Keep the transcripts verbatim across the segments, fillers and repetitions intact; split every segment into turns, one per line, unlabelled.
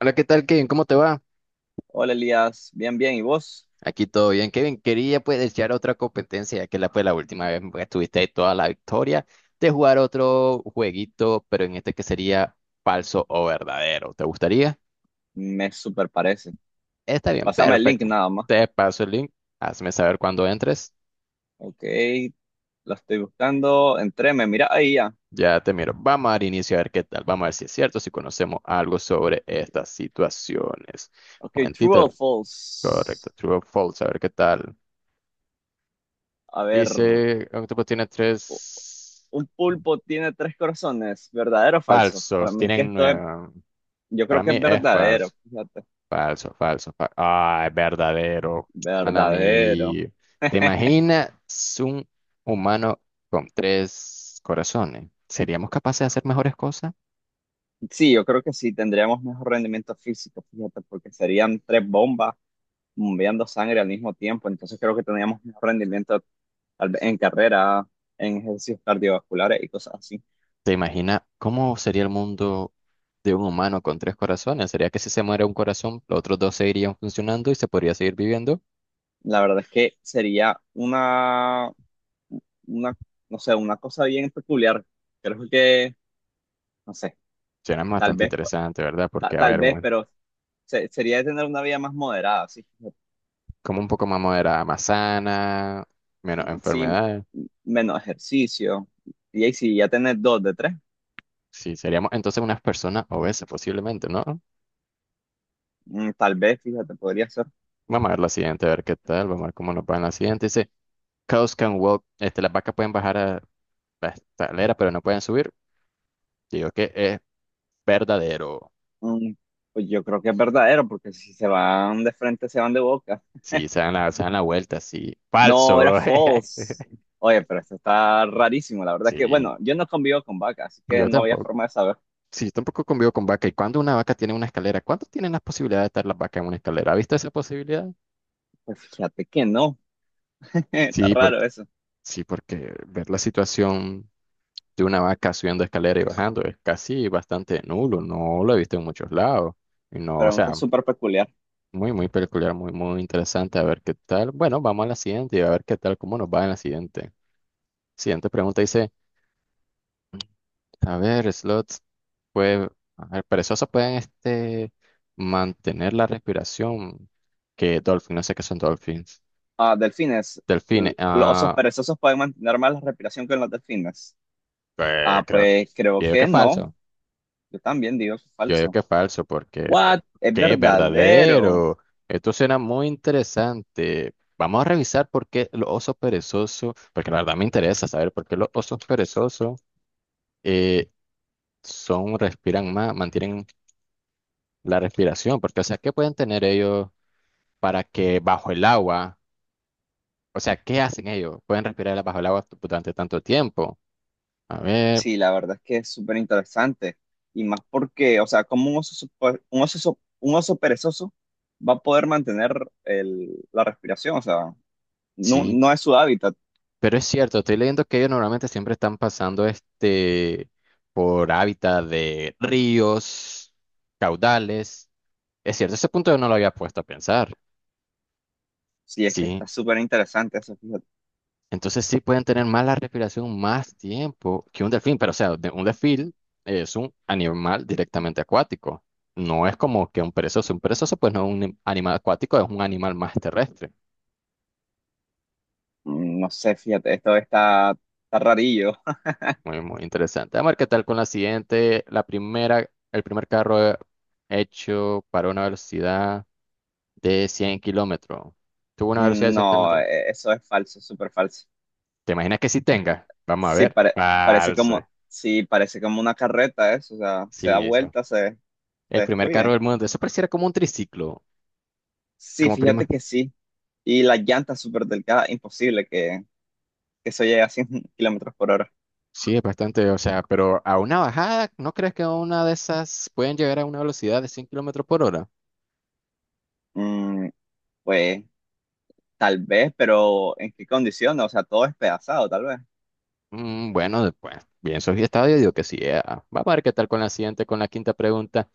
Hola, ¿qué tal, Kevin? ¿Cómo te va?
Hola Elías, bien, bien, ¿y vos?
Aquí todo bien, Kevin. Quería pues desear otra competencia, ya que la, fue la última vez que tuviste toda la victoria, de jugar otro jueguito, pero en este que sería falso o verdadero. ¿Te gustaría?
Me super parece.
Está bien,
Pásame el link
perfecto.
nada más.
Te paso el link, hazme saber cuando entres.
Ok, lo estoy buscando. Entré, me mira ahí ya.
Ya te miro. Vamos a dar inicio a ver qué tal. Vamos a ver si es cierto, si conocemos algo sobre estas situaciones.
Ok, true o
Momentito. Correcto.
false.
True o false, a ver qué tal.
A ver,
Dice, Octopus tiene
u-
tres.
un pulpo tiene tres corazones, ¿verdadero o falso? Para
Falsos,
mí que
tienen
esto es,
nueve.
yo
Para
creo que es
mí es falso,
verdadero, fíjate.
falso, falso, falso. Ah, es verdadero. Mala
Verdadero.
mía. ¿Te imaginas un humano con tres corazones? ¿Seríamos capaces de hacer mejores cosas?
Sí, yo creo que sí, tendríamos mejor rendimiento físico, fíjate, porque serían tres bombas bombeando sangre al mismo tiempo, entonces creo que tendríamos mejor rendimiento tal vez en carrera, en ejercicios cardiovasculares y cosas así.
¿Te imaginas cómo sería el mundo de un humano con tres corazones? ¿Sería que si se muere un corazón, los otros dos seguirían funcionando y se podría seguir viviendo?
La verdad es que sería una, una, no sé, una cosa bien peculiar. Creo que, no sé,
Suena
tal
bastante
vez,
interesante, ¿verdad? Porque,
ta-
a
tal
ver,
vez,
un-
pero se- sería de tener una vida más moderada, sí,
como un poco más moderada, más sana, menos
sí,
enfermedades.
menos ejercicio. Y ahí si ya tenés dos de tres,
Sí, seríamos entonces unas personas obesas posiblemente, ¿no?
mm, tal vez, fíjate, podría ser.
Vamos a ver la siguiente, a ver qué tal, vamos a ver cómo nos va en la siguiente. Dice, cows can walk, este, las vacas pueden bajar a la escalera, pero no pueden subir. Digo que es verdadero.
mm, pues yo creo que es verdadero, porque si se van de frente, se van de boca.
Sí, se dan la, se dan la vuelta, sí.
No, era
Falso.
false. Oye, pero esto está rarísimo. La verdad que,
Sí,
bueno, yo no convivo con vacas, así que
yo
no había
tampoco.
forma de saber.
Sí, tampoco convivo con vaca. ¿Y cuando una vaca tiene una escalera? ¿Cuánto tienen las posibilidades de estar las vacas en una escalera? ¿Ha visto esa posibilidad?
Pues fíjate que no. Está
Sí,
raro
porque,
eso.
sí, porque ver la situación de una vaca subiendo escalera y bajando. Es casi bastante nulo, no lo he visto en muchos lados. Y no, o sea,
Pregunta súper peculiar.
muy, muy peculiar, muy, muy interesante. A ver qué tal. Bueno, vamos a la siguiente y a ver qué tal, cómo nos va en la siguiente. Siguiente pregunta dice, a ver, slots, pues, a ver, perezosos pueden este, mantener la respiración que dolphins, no sé qué son dolphins.
Ah, delfines.
Delfines,
L- ¿Los osos
ah,
perezosos pueden mantener más la respiración que los delfines?
eh,
Ah,
creo que,
pues creo
creo que
que
es
no.
falso.
Yo también digo que es
Yo digo que
falso.
es falso porque
What? Es
que es
verdadero.
verdadero. Esto suena muy interesante. Vamos a revisar por qué los osos perezosos, porque la verdad me interesa saber por qué los osos perezosos eh, son, respiran más, mantienen la respiración, porque o sea, ¿qué pueden tener ellos para que bajo el agua, o sea, ¿qué hacen ellos? Pueden respirar bajo el agua durante tanto tiempo. A ver,
Sí, la verdad es que es súper interesante. Y más porque, o sea, como un oso, supe- un oso, so- un oso perezoso va a poder mantener el- la respiración? O sea, no,
sí.
no es su hábitat.
Pero es cierto, estoy leyendo que ellos normalmente siempre están pasando este por hábitat de ríos, caudales. Es cierto, ese punto yo no lo había puesto a pensar.
Sí, es que
Sí,
está súper interesante eso, fíjate.
entonces sí pueden tener más la respiración más tiempo que un delfín, pero o sea, de- un delfín es un animal directamente acuático. No es como que un perezoso. Un perezoso, pues no es un anim- animal acuático, es un animal más terrestre.
Mm, No sé, fíjate, esto está, está rarillo.
Muy, muy interesante. Vamos a ver qué tal con la siguiente. La primera, el primer carro hecho para una velocidad de cien kilómetros. Tuvo una velocidad de
Mm,
cien
no,
kilómetros.
eh, eso es falso, súper falso.
¿Te imaginas que sí tenga? Vamos a
Sí,
ver.
pare- parece
Falso.
como, sí, parece como una carreta eso, o sea, se da
Sí, sí.
vuelta, se, se
El primer carro
destruye.
del mundo. Eso pareciera como un triciclo,
Sí,
como prima.
fíjate que sí. Y las llantas súper delgadas, imposible que, que eso llega a cien kilómetros por hora.
Sí, es bastante, o sea, pero a una bajada, ¿no crees que a una de esas pueden llegar a una velocidad de cien kilómetros por hora?
Mm, pues tal vez, pero ¿en qué condiciones? O sea, todo es pedazado, tal vez.
Mm, bueno, después, bien, soy estadio, digo que sí. eh. Vamos a ver qué tal con la siguiente, con la quinta pregunta.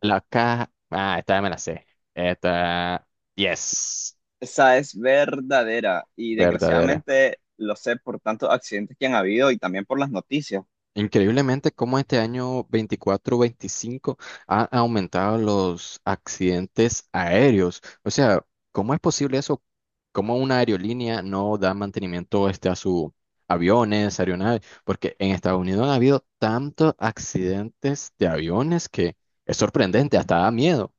La caja. Ah, esta ya me la sé. Esta. Yes.
Esa es verdadera y
Verdadera.
desgraciadamente lo sé por tantos accidentes que han habido y también por las noticias.
Increíblemente, cómo este año veinticuatro veinticinco han aumentado los accidentes aéreos. O sea, ¿cómo es posible eso? ¿Cómo una aerolínea no da mantenimiento este, a sus aviones, aeronaves? Porque en Estados Unidos han habido tantos accidentes de aviones que es sorprendente, hasta da miedo.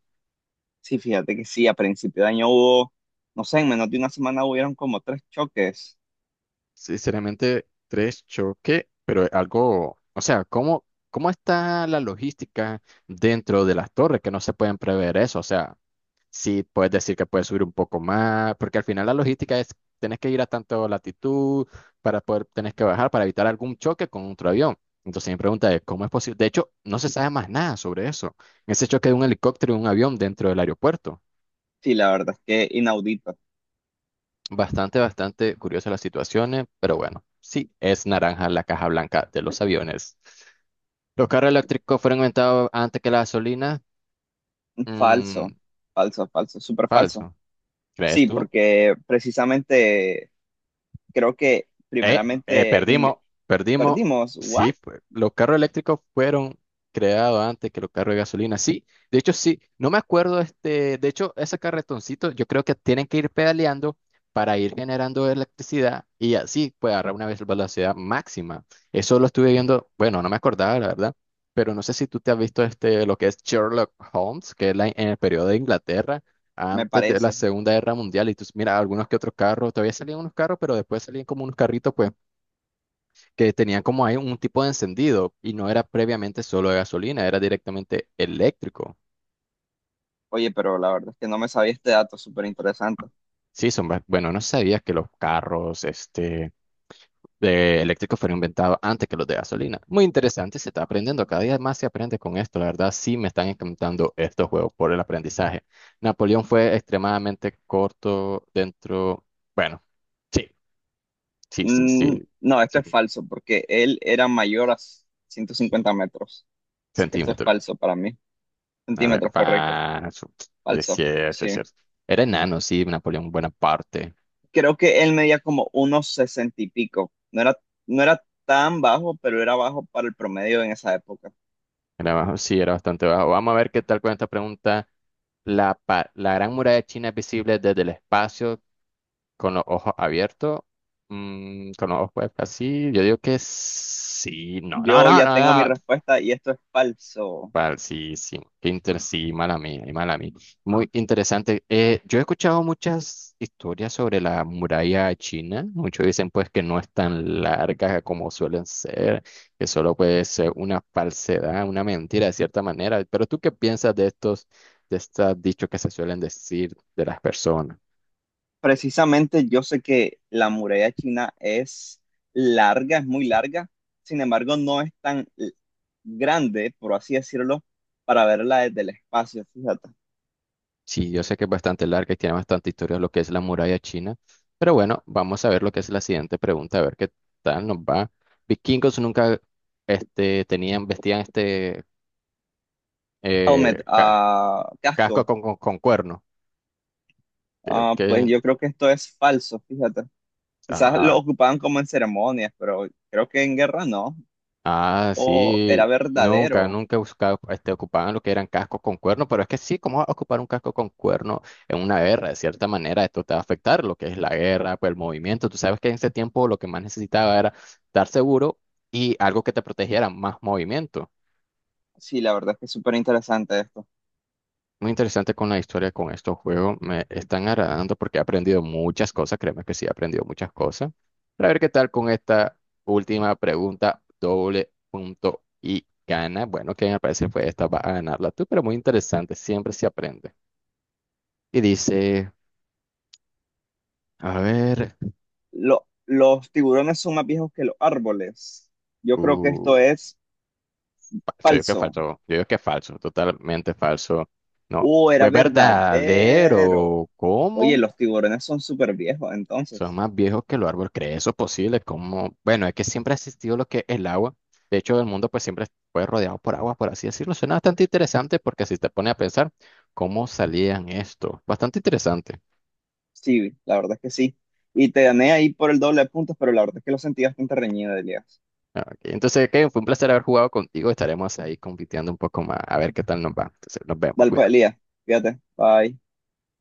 Sí, fíjate que sí, a principio de año hubo, no sé, en menos de una semana hubieron como tres choques.
Sinceramente, tres choque, pero algo, o sea, ¿cómo, cómo está la logística dentro de las torres que no se pueden prever eso? O sea, sí puedes decir que puedes subir un poco más, porque al final la logística es, tenés que ir a tanto latitud para poder, tenés que bajar para evitar algún choque con otro avión. Entonces mi pregunta es, ¿cómo es posible? De hecho, no se sabe más nada sobre eso, ese choque de un helicóptero y un avión dentro del aeropuerto.
Sí, la verdad es que inaudito.
Bastante, bastante curiosas las situaciones, pero bueno, sí, es naranja la caja blanca de los aviones. Los carros eléctricos fueron inventados antes que la gasolina. Mm,
Falso, falso, falso, súper falso.
falso, ¿crees
Sí,
tú?
porque precisamente creo que
Eh, eh,
primeramente inve-
perdimos, perdimos.
perdimos, ¿what?
Sí, pues, los carros eléctricos fueron creados antes que los carros de gasolina. Sí, de hecho, sí. No me acuerdo, este, de hecho, ese carretoncito, yo creo que tienen que ir pedaleando para ir generando electricidad y así puede agarrar una vez velocidad máxima. Eso lo estuve viendo, bueno, no me acordaba, la verdad, pero no sé si tú te has visto este, lo que es Sherlock Holmes, que es la- en el periodo de Inglaterra
Me
antes de la
parece.
Segunda Guerra Mundial. Y tú, mira, algunos que otros carros, todavía salían unos carros, pero después salían como unos carritos, pues, que tenían como ahí un tipo de encendido y no era previamente solo de gasolina, era directamente eléctrico.
Oye, pero la verdad es que no me sabía este dato súper interesante.
Sí, son, ba- bueno, no sabía que los carros, este, de eléctricos fueron inventados antes que los de gasolina. Muy interesante, se está aprendiendo, cada día más se aprende con esto. La verdad, sí me están encantando estos juegos por el aprendizaje. Napoleón fue extremadamente corto dentro, bueno, sí, sí, sí,
Mm,
sí.
no, esto
Sí.
es falso porque él era mayor a ciento cincuenta metros. Así que esto es
Centímetro.
falso para mí.
A ver,
Centímetros, correcto.
va. su- Es
Falso,
cierto, es
sí.
cierto. Era enano, sí, Napoleón Bonaparte.
Creo que él medía como unos sesenta y pico. No era, no era tan bajo, pero era bajo para el promedio en esa época.
Era bajo, sí, era bastante bajo. Vamos a ver qué tal con esta pregunta. La, pa- la Gran Muralla de China es visible desde el espacio con los ojos abiertos. Mm, con los ojos pues, así. Yo digo que sí. No, no,
Yo
no,
ya
no,
tengo mi
no.
respuesta y esto es falso.
Pal, sí, sí, qué sí, mala mía, y mala mía. Muy interesante. Eh, yo he escuchado muchas historias sobre la muralla china. Muchos dicen pues que no es tan larga como suelen ser, que solo puede ser una falsedad, una mentira de cierta manera. Pero ¿tú qué piensas de estos, de estos dichos que se suelen decir de las personas?
Precisamente yo sé que la muralla china es larga, es muy larga, sin embargo no es tan l- grande, por así decirlo, para verla desde el espacio, fíjate.
Sí, yo sé que es bastante larga y tiene bastante historia lo que es la muralla china, pero bueno, vamos a ver lo que es la siguiente pregunta, a ver qué tal nos va. Vikingos nunca este, tenían, vestían este
Helmet,
eh, ca-
ah,
casco
casco,
con, con, con cuerno. Creo
ah, pues
que
yo creo que esto es falso, fíjate. Quizás lo
ah,
ocupaban como en ceremonias, pero creo que en guerra no,
Ah,
o era
sí, nunca,
verdadero.
nunca buscaba, este, ocupaban lo que eran cascos con cuerno, pero es que sí, ¿cómo vas a ocupar un casco con cuerno en una guerra? De cierta manera, esto te va a afectar lo que es la guerra, pues el movimiento. Tú sabes que en ese tiempo lo que más necesitaba era estar seguro y algo que te protegiera, más movimiento.
Sí, la verdad es que es súper interesante esto.
Muy interesante con la historia con estos juegos. Me están agradando porque he aprendido muchas cosas. Créeme que sí, he aprendido muchas cosas. Para ver qué tal con esta última pregunta, doble punto y gana. Bueno, que me parece fue esta, va a ganarla tú, pero muy interesante. Siempre se aprende. Y dice, a ver,
Lo- los tiburones son más viejos que los árboles. Yo creo que
uh,
esto es
falso, yo que
falso.
falso, yo digo que falso, totalmente falso. No,
Uh, era
es
verdadero.
verdadero.
Oye,
¿Cómo?
los tiburones son súper viejos,
Son
entonces.
más viejos que los árboles, ¿crees eso posible? Como, bueno, es que siempre ha existido lo que es el agua. De hecho, el mundo pues siempre fue rodeado por agua, por así decirlo. Suena bastante interesante porque si te pone a pensar cómo salían esto. Bastante interesante.
Sí, la verdad es que sí. Y te gané ahí por el doble de puntos, pero la verdad es que lo sentí bastante reñido, Elías.
Ok, entonces, Kevin, fue un placer haber jugado contigo. Estaremos ahí compitiendo un poco más. A ver qué tal nos va. Entonces, nos vemos.
Dale pues,
Cuídate.
Elías. Fíjate. Bye.